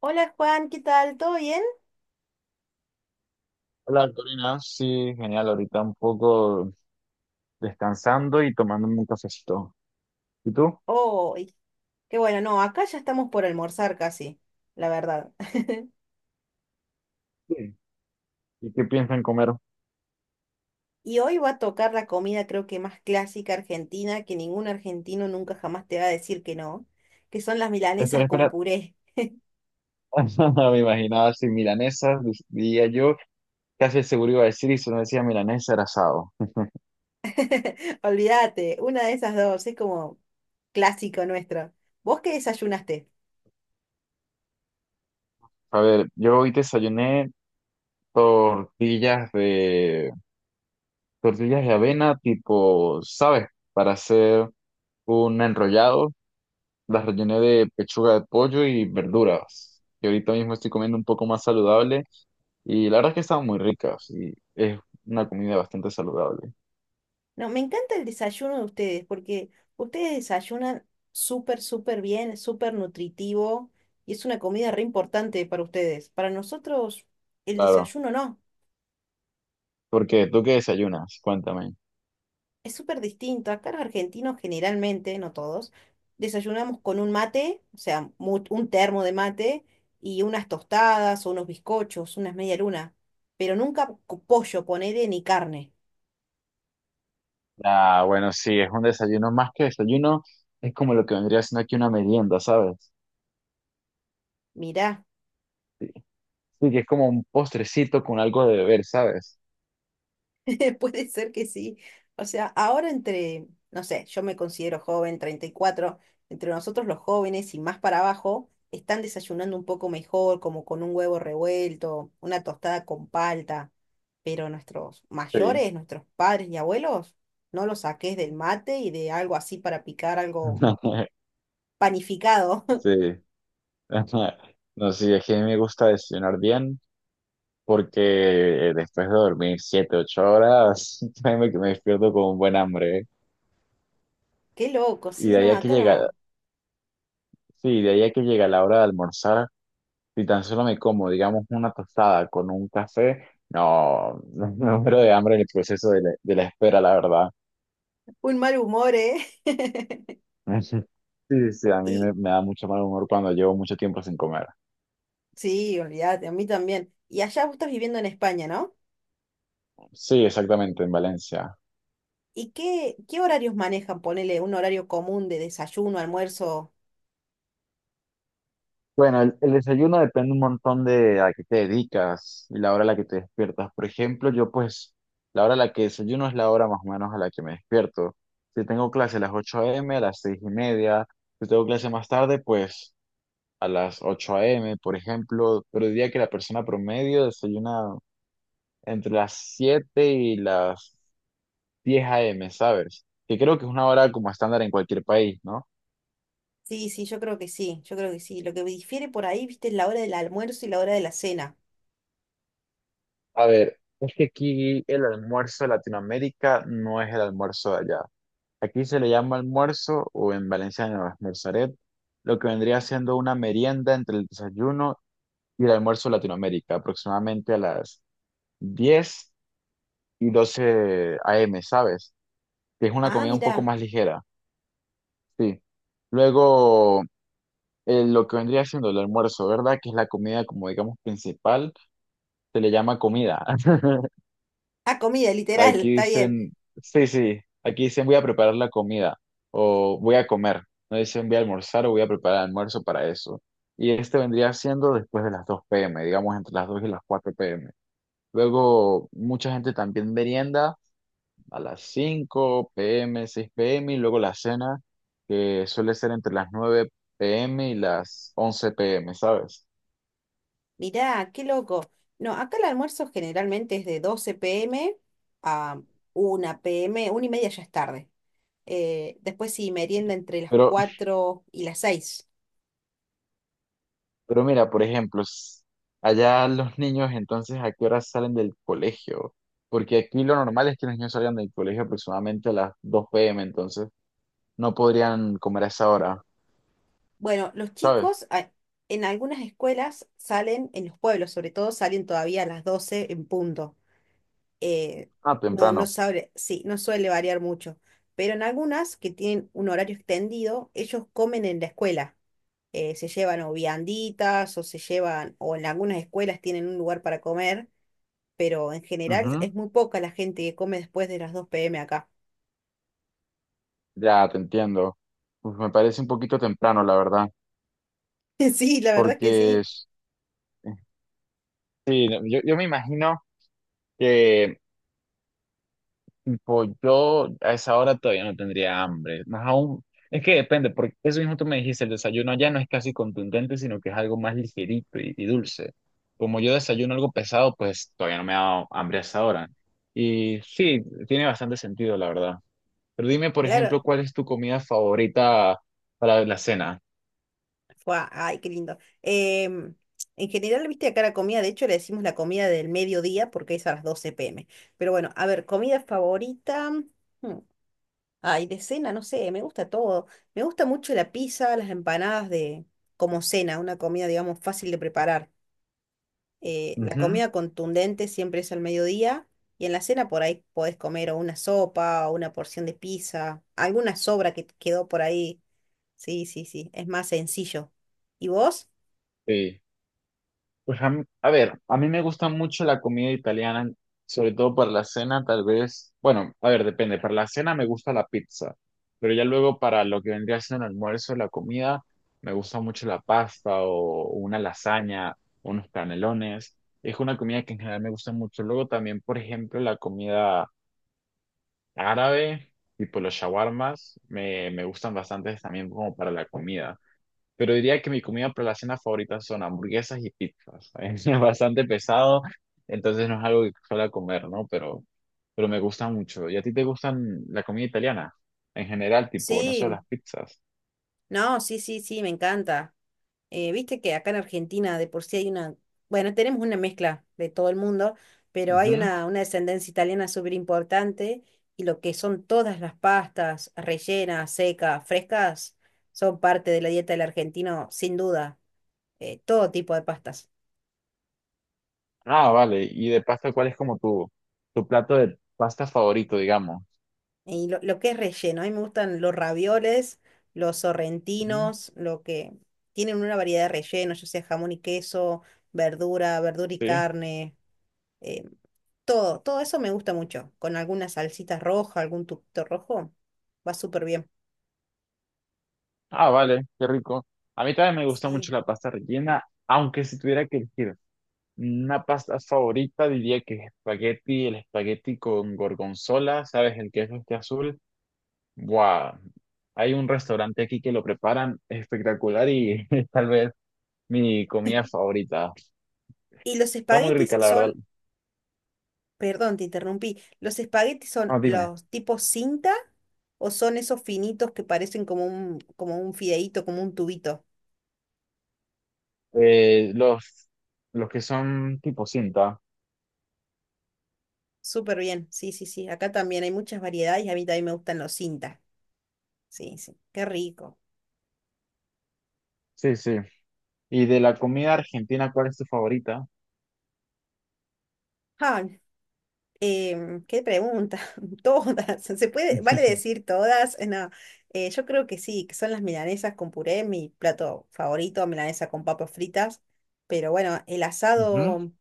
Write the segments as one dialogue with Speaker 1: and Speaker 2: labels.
Speaker 1: Hola Juan, ¿qué tal? ¿Todo bien?
Speaker 2: Hola, Corina. Sí, genial. Ahorita un poco descansando y tomándome un cafecito. ¿Y tú?
Speaker 1: Hoy. Qué bueno. No, acá ya estamos por almorzar casi, la verdad.
Speaker 2: Sí. ¿Y qué piensan comer?
Speaker 1: Y hoy va a tocar la comida, creo que más clásica argentina, que ningún argentino nunca jamás te va a decir que no, que son las
Speaker 2: Espera,
Speaker 1: milanesas con
Speaker 2: espera.
Speaker 1: puré.
Speaker 2: Me imaginaba así milanesas, diría yo. Casi seguro iba a decir, y si no decía milanesa era asado.
Speaker 1: Olvídate, una de esas dos, es como clásico nuestro. ¿Vos qué desayunaste?
Speaker 2: A ver, yo hoy desayuné tortillas de tortillas de avena tipo, ¿sabes? Para hacer un enrollado. Las rellené de pechuga de pollo y verduras. Y ahorita mismo estoy comiendo un poco más saludable. Y la verdad es que estaban muy ricas y es una comida bastante saludable.
Speaker 1: No, me encanta el desayuno de ustedes, porque ustedes desayunan súper, súper bien, súper nutritivo, y es una comida re importante para ustedes. Para nosotros el
Speaker 2: Claro,
Speaker 1: desayuno no,
Speaker 2: porque tú qué desayunas, cuéntame.
Speaker 1: es súper distinto. Acá los argentinos generalmente, no todos, desayunamos con un mate, o sea, un termo de mate y unas tostadas o unos bizcochos, unas media luna, pero nunca pollo, ponele, ni carne.
Speaker 2: Ah, bueno, sí, es un desayuno más que desayuno, es como lo que vendría siendo aquí una merienda, ¿sabes?
Speaker 1: Mirá.
Speaker 2: Sí, que es como un postrecito con algo de beber, ¿sabes?
Speaker 1: Puede ser que sí. O sea, ahora, entre, no sé, yo me considero joven, 34, entre nosotros los jóvenes y más para abajo, están desayunando un poco mejor, como con un huevo revuelto, una tostada con palta. Pero nuestros
Speaker 2: Sí.
Speaker 1: mayores, nuestros padres y abuelos, no los saques del mate y de algo así para picar algo panificado.
Speaker 2: Sí. No, sí, es que a mí me gusta desayunar bien porque después de dormir siete, ocho horas, créeme que me despierto con un buen hambre, ¿eh?
Speaker 1: Qué loco.
Speaker 2: Y
Speaker 1: Sí,
Speaker 2: de ahí
Speaker 1: no,
Speaker 2: a que
Speaker 1: acá
Speaker 2: llega,
Speaker 1: no.
Speaker 2: sí, de ahí a que llega la hora de almorzar. Si tan solo me como, digamos, una tostada con un café, no, me muero de hambre en el proceso de la espera, la verdad.
Speaker 1: Un mal humor, ¿eh?
Speaker 2: Sí, sí, a mí
Speaker 1: Y
Speaker 2: me da mucho mal humor cuando llevo mucho tiempo sin comer.
Speaker 1: sí, olvídate, a mí también. Y allá vos estás viviendo en España, ¿no?
Speaker 2: Sí, exactamente, en Valencia.
Speaker 1: ¿Y qué, qué horarios manejan? Ponele un horario común de desayuno, almuerzo.
Speaker 2: Bueno, el desayuno depende un montón de a qué te dedicas y la hora a la que te despiertas. Por ejemplo, yo pues, la hora a la que desayuno es la hora más o menos a la que me despierto. Si tengo clase a las 8 m, a las 6 y media, si tengo clase más tarde, pues... a las ocho a m, por ejemplo, pero diría que la persona promedio desayuna entre las 7 y las diez a m, ¿sabes? Que creo que es una hora como estándar en cualquier país, ¿no?
Speaker 1: Sí, sí, yo creo que sí, yo creo que sí. Lo que difiere por ahí, viste, es la hora del almuerzo y la hora de la cena.
Speaker 2: A ver, es que aquí el almuerzo de Latinoamérica no es el almuerzo de allá. Aquí se le llama almuerzo, o en valenciano almorzaret, lo que vendría siendo una merienda entre el desayuno y el almuerzo de Latinoamérica, aproximadamente a las 10 y doce a m, ¿sabes? Que es una
Speaker 1: Ah,
Speaker 2: comida un poco
Speaker 1: mirá.
Speaker 2: más ligera, sí. Luego, lo que vendría siendo el almuerzo, ¿verdad? Que es la comida, como digamos, principal, se le llama comida.
Speaker 1: Ah, comida, literal,
Speaker 2: Aquí
Speaker 1: está bien.
Speaker 2: dicen, sí, sí, aquí dicen voy a preparar la comida o voy a comer. No dicen voy a almorzar o voy a preparar almuerzo para eso. Y este vendría siendo después de las 2 p.m., digamos, entre las 2 y las 4 p.m. Luego, mucha gente también merienda a las 5 p.m., 6 p.m. y luego la cena, que suele ser entre las 9 p.m. y las 11 p.m., ¿sabes?
Speaker 1: Mirá, qué loco. No, acá el almuerzo generalmente es de 12 p.m. a 1 p.m., una y media ya es tarde. Después sí, merienda entre las
Speaker 2: Pero,
Speaker 1: 4 y las seis.
Speaker 2: pero mira, por ejemplo, allá los niños entonces, ¿a qué hora salen del colegio? Porque aquí lo normal es que los niños salgan del colegio aproximadamente a las 2 p.m., entonces no podrían comer a esa hora,
Speaker 1: Bueno,
Speaker 2: ¿sabes?
Speaker 1: en algunas escuelas salen, en los pueblos sobre todo, salen todavía a las 12 en punto. Eh,
Speaker 2: Ah,
Speaker 1: no, no
Speaker 2: temprano.
Speaker 1: sabe, sí, no suele variar mucho. Pero en algunas que tienen un horario extendido, ellos comen en la escuela. Se llevan o vianditas o se llevan, o en algunas escuelas tienen un lugar para comer, pero en general
Speaker 2: Ujú.
Speaker 1: es muy poca la gente que come después de las 2 p.m. acá.
Speaker 2: Ya, te entiendo. Pues me parece un poquito temprano, la verdad,
Speaker 1: Sí, la verdad que
Speaker 2: porque...
Speaker 1: sí.
Speaker 2: eh, sí, no, yo me imagino que pues yo a esa hora todavía no tendría hambre. Más aún, es que depende, porque eso mismo tú me dijiste, el desayuno ya no es casi contundente, sino que es algo más ligerito y dulce. Como yo desayuno algo pesado, pues todavía no me ha dado hambre a esa hora. Y sí, tiene bastante sentido, la verdad. Pero dime, por
Speaker 1: Claro.
Speaker 2: ejemplo, ¿cuál es tu comida favorita para la cena?
Speaker 1: Fua, ay, qué lindo. Em, en general, viste, acá la comida, de hecho, le decimos la comida del mediodía, porque es a las 12 pm. Pero bueno, a ver, comida favorita. hmm, Ay, de cena, no sé, me gusta todo. Me gusta mucho la pizza, las empanadas, de como cena, una comida, digamos, fácil de preparar. La
Speaker 2: Ujú.
Speaker 1: comida contundente siempre es al mediodía, y en la cena por ahí podés comer o una sopa o una porción de pizza, alguna sobra que te quedó por ahí. Sí, sí, sí, es más sencillo. ¿Y vos?
Speaker 2: Sí. Pues a ver, a mí me gusta mucho la comida italiana, sobre todo para la cena, tal vez, bueno, a ver, depende, para la cena me gusta la pizza, pero ya luego para lo que vendría siendo el almuerzo, la comida, me gusta mucho la pasta o una lasaña, unos canelones, es una comida que en general me gusta mucho. Luego también, por ejemplo, la comida árabe, tipo los shawarmas, me gustan bastante también como para la comida. Pero diría que mi comida para la cena favorita son hamburguesas y pizzas. Es bastante pesado, entonces no es algo que suela comer, ¿no? Pero me gusta mucho. ¿Y a ti te gustan la comida italiana? En general, tipo, no
Speaker 1: Sí,
Speaker 2: solo las pizzas.
Speaker 1: no, sí, sí, sí, me encanta. Viste que acá en Argentina de por sí hay una, bueno, tenemos una mezcla de todo el mundo, pero hay
Speaker 2: Ujú.
Speaker 1: una descendencia italiana súper importante, y lo que son todas las pastas rellenas, secas, frescas, son parte de la dieta del argentino, sin duda. Todo tipo de pastas.
Speaker 2: Ah, vale. Y de pasta, ¿cuál es como tu plato de pasta favorito, digamos?
Speaker 1: Y lo que es relleno, a mí me gustan los ravioles, los
Speaker 2: Ujú.
Speaker 1: sorrentinos, lo que tienen una variedad de rellenos, ya sea jamón y queso, verdura, verdura y
Speaker 2: Sí.
Speaker 1: carne. eh, Todo, todo eso me gusta mucho. Con alguna salsita roja, algún tubito rojo, va súper bien.
Speaker 2: Ah, vale, qué rico. A mí también me gusta
Speaker 1: Sí.
Speaker 2: mucho la pasta rellena, aunque si tuviera que elegir una pasta favorita, diría que es espagueti, el espagueti con gorgonzola, ¿sabes? El queso este azul. ¡Buah! Hay un restaurante aquí que lo preparan espectacular y es tal vez mi comida favorita.
Speaker 1: Y los
Speaker 2: Está muy
Speaker 1: espaguetis
Speaker 2: rica, la verdad.
Speaker 1: son, perdón, te interrumpí, ¿los espaguetis son
Speaker 2: Ah, dime.
Speaker 1: los tipos cinta o son esos finitos que parecen como un fideíto, como un tubito?
Speaker 2: Eh, los, los que son tipo cinta.
Speaker 1: Súper bien, sí, sí, sí. Acá también hay muchas variedades, y a mí también me gustan los cinta. Sí, sí, qué rico.
Speaker 2: Sí, sí. ¿Y de la comida argentina, cuál es tu favorita?
Speaker 1: Ah. ¿Qué pregunta? Todas. ¿Se puede, vale decir todas? No, yo creo que sí, que son las milanesas con puré, mi plato favorito, milanesa con papas fritas. Pero bueno, el
Speaker 2: Ujú.
Speaker 1: asado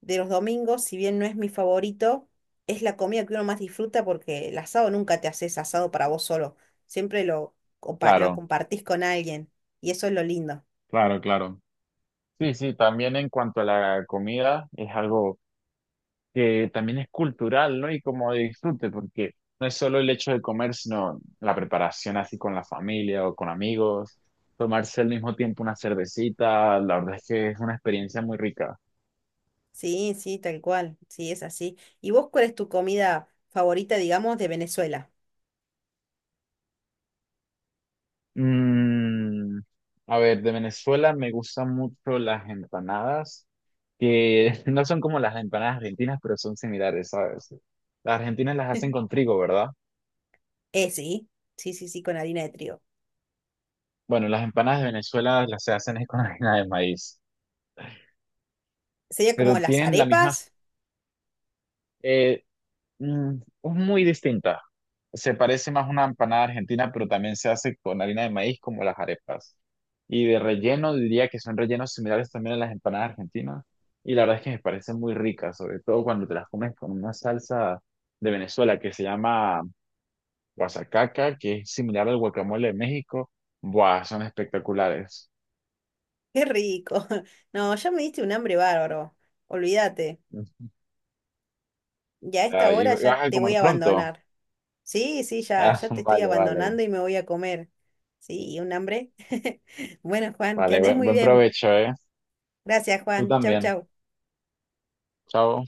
Speaker 1: de los domingos, si bien no es mi favorito, es la comida que uno más disfruta, porque el asado nunca te haces asado para vos solo. Siempre lo, lo
Speaker 2: Claro,
Speaker 1: compartís con alguien, y eso es lo lindo.
Speaker 2: claro, claro. Sí, sí, también en cuanto a la comida, es algo que también es cultural, ¿no? Y como de disfrute, porque no es solo el hecho de comer, sino la preparación así con la familia o con amigos, tomarse al mismo tiempo una cervecita, la verdad es que es una experiencia muy rica.
Speaker 1: Sí, sí, tal cual. Sí, es así. ¿Y vos cuál es tu comida favorita, digamos, de Venezuela?
Speaker 2: Mm, a ver, de Venezuela me gustan mucho las empanadas, que no son como las empanadas argentinas, pero son similares, ¿sabes? Las argentinas las hacen con trigo, ¿verdad?
Speaker 1: Sí, sí, sí, sí, con harina de trigo.
Speaker 2: Bueno, las empanadas de Venezuela las se hacen es con harina de maíz,
Speaker 1: Sería como
Speaker 2: pero
Speaker 1: las
Speaker 2: tienen la misma
Speaker 1: arepas.
Speaker 2: eh, mm, es muy distinta. Se parece más a una empanada argentina, pero también se hace con harina de maíz como las arepas. Y de relleno diría que son rellenos similares también a las empanadas argentinas. Y la verdad es que me parecen muy ricas, sobre todo cuando te las comes con una salsa de Venezuela que se llama guasacaca, que es similar al guacamole de México. Buah, son espectaculares.
Speaker 1: Qué rico. No, ya me diste un hambre bárbaro. Olvídate. Ya a esta
Speaker 2: Ah, ¿y
Speaker 1: hora ya
Speaker 2: vas a
Speaker 1: te
Speaker 2: comer
Speaker 1: voy a
Speaker 2: pronto?
Speaker 1: abandonar. Sí, sí, ya,
Speaker 2: Ah,
Speaker 1: ya te estoy
Speaker 2: vale, vale.
Speaker 1: abandonando y me voy a comer. Sí, y un hambre. Bueno, Juan, que
Speaker 2: Vale,
Speaker 1: andes muy
Speaker 2: buen
Speaker 1: bien.
Speaker 2: provecho, ¿eh?
Speaker 1: Gracias,
Speaker 2: Tú
Speaker 1: Juan. Chau,
Speaker 2: también.
Speaker 1: chau.
Speaker 2: Chao.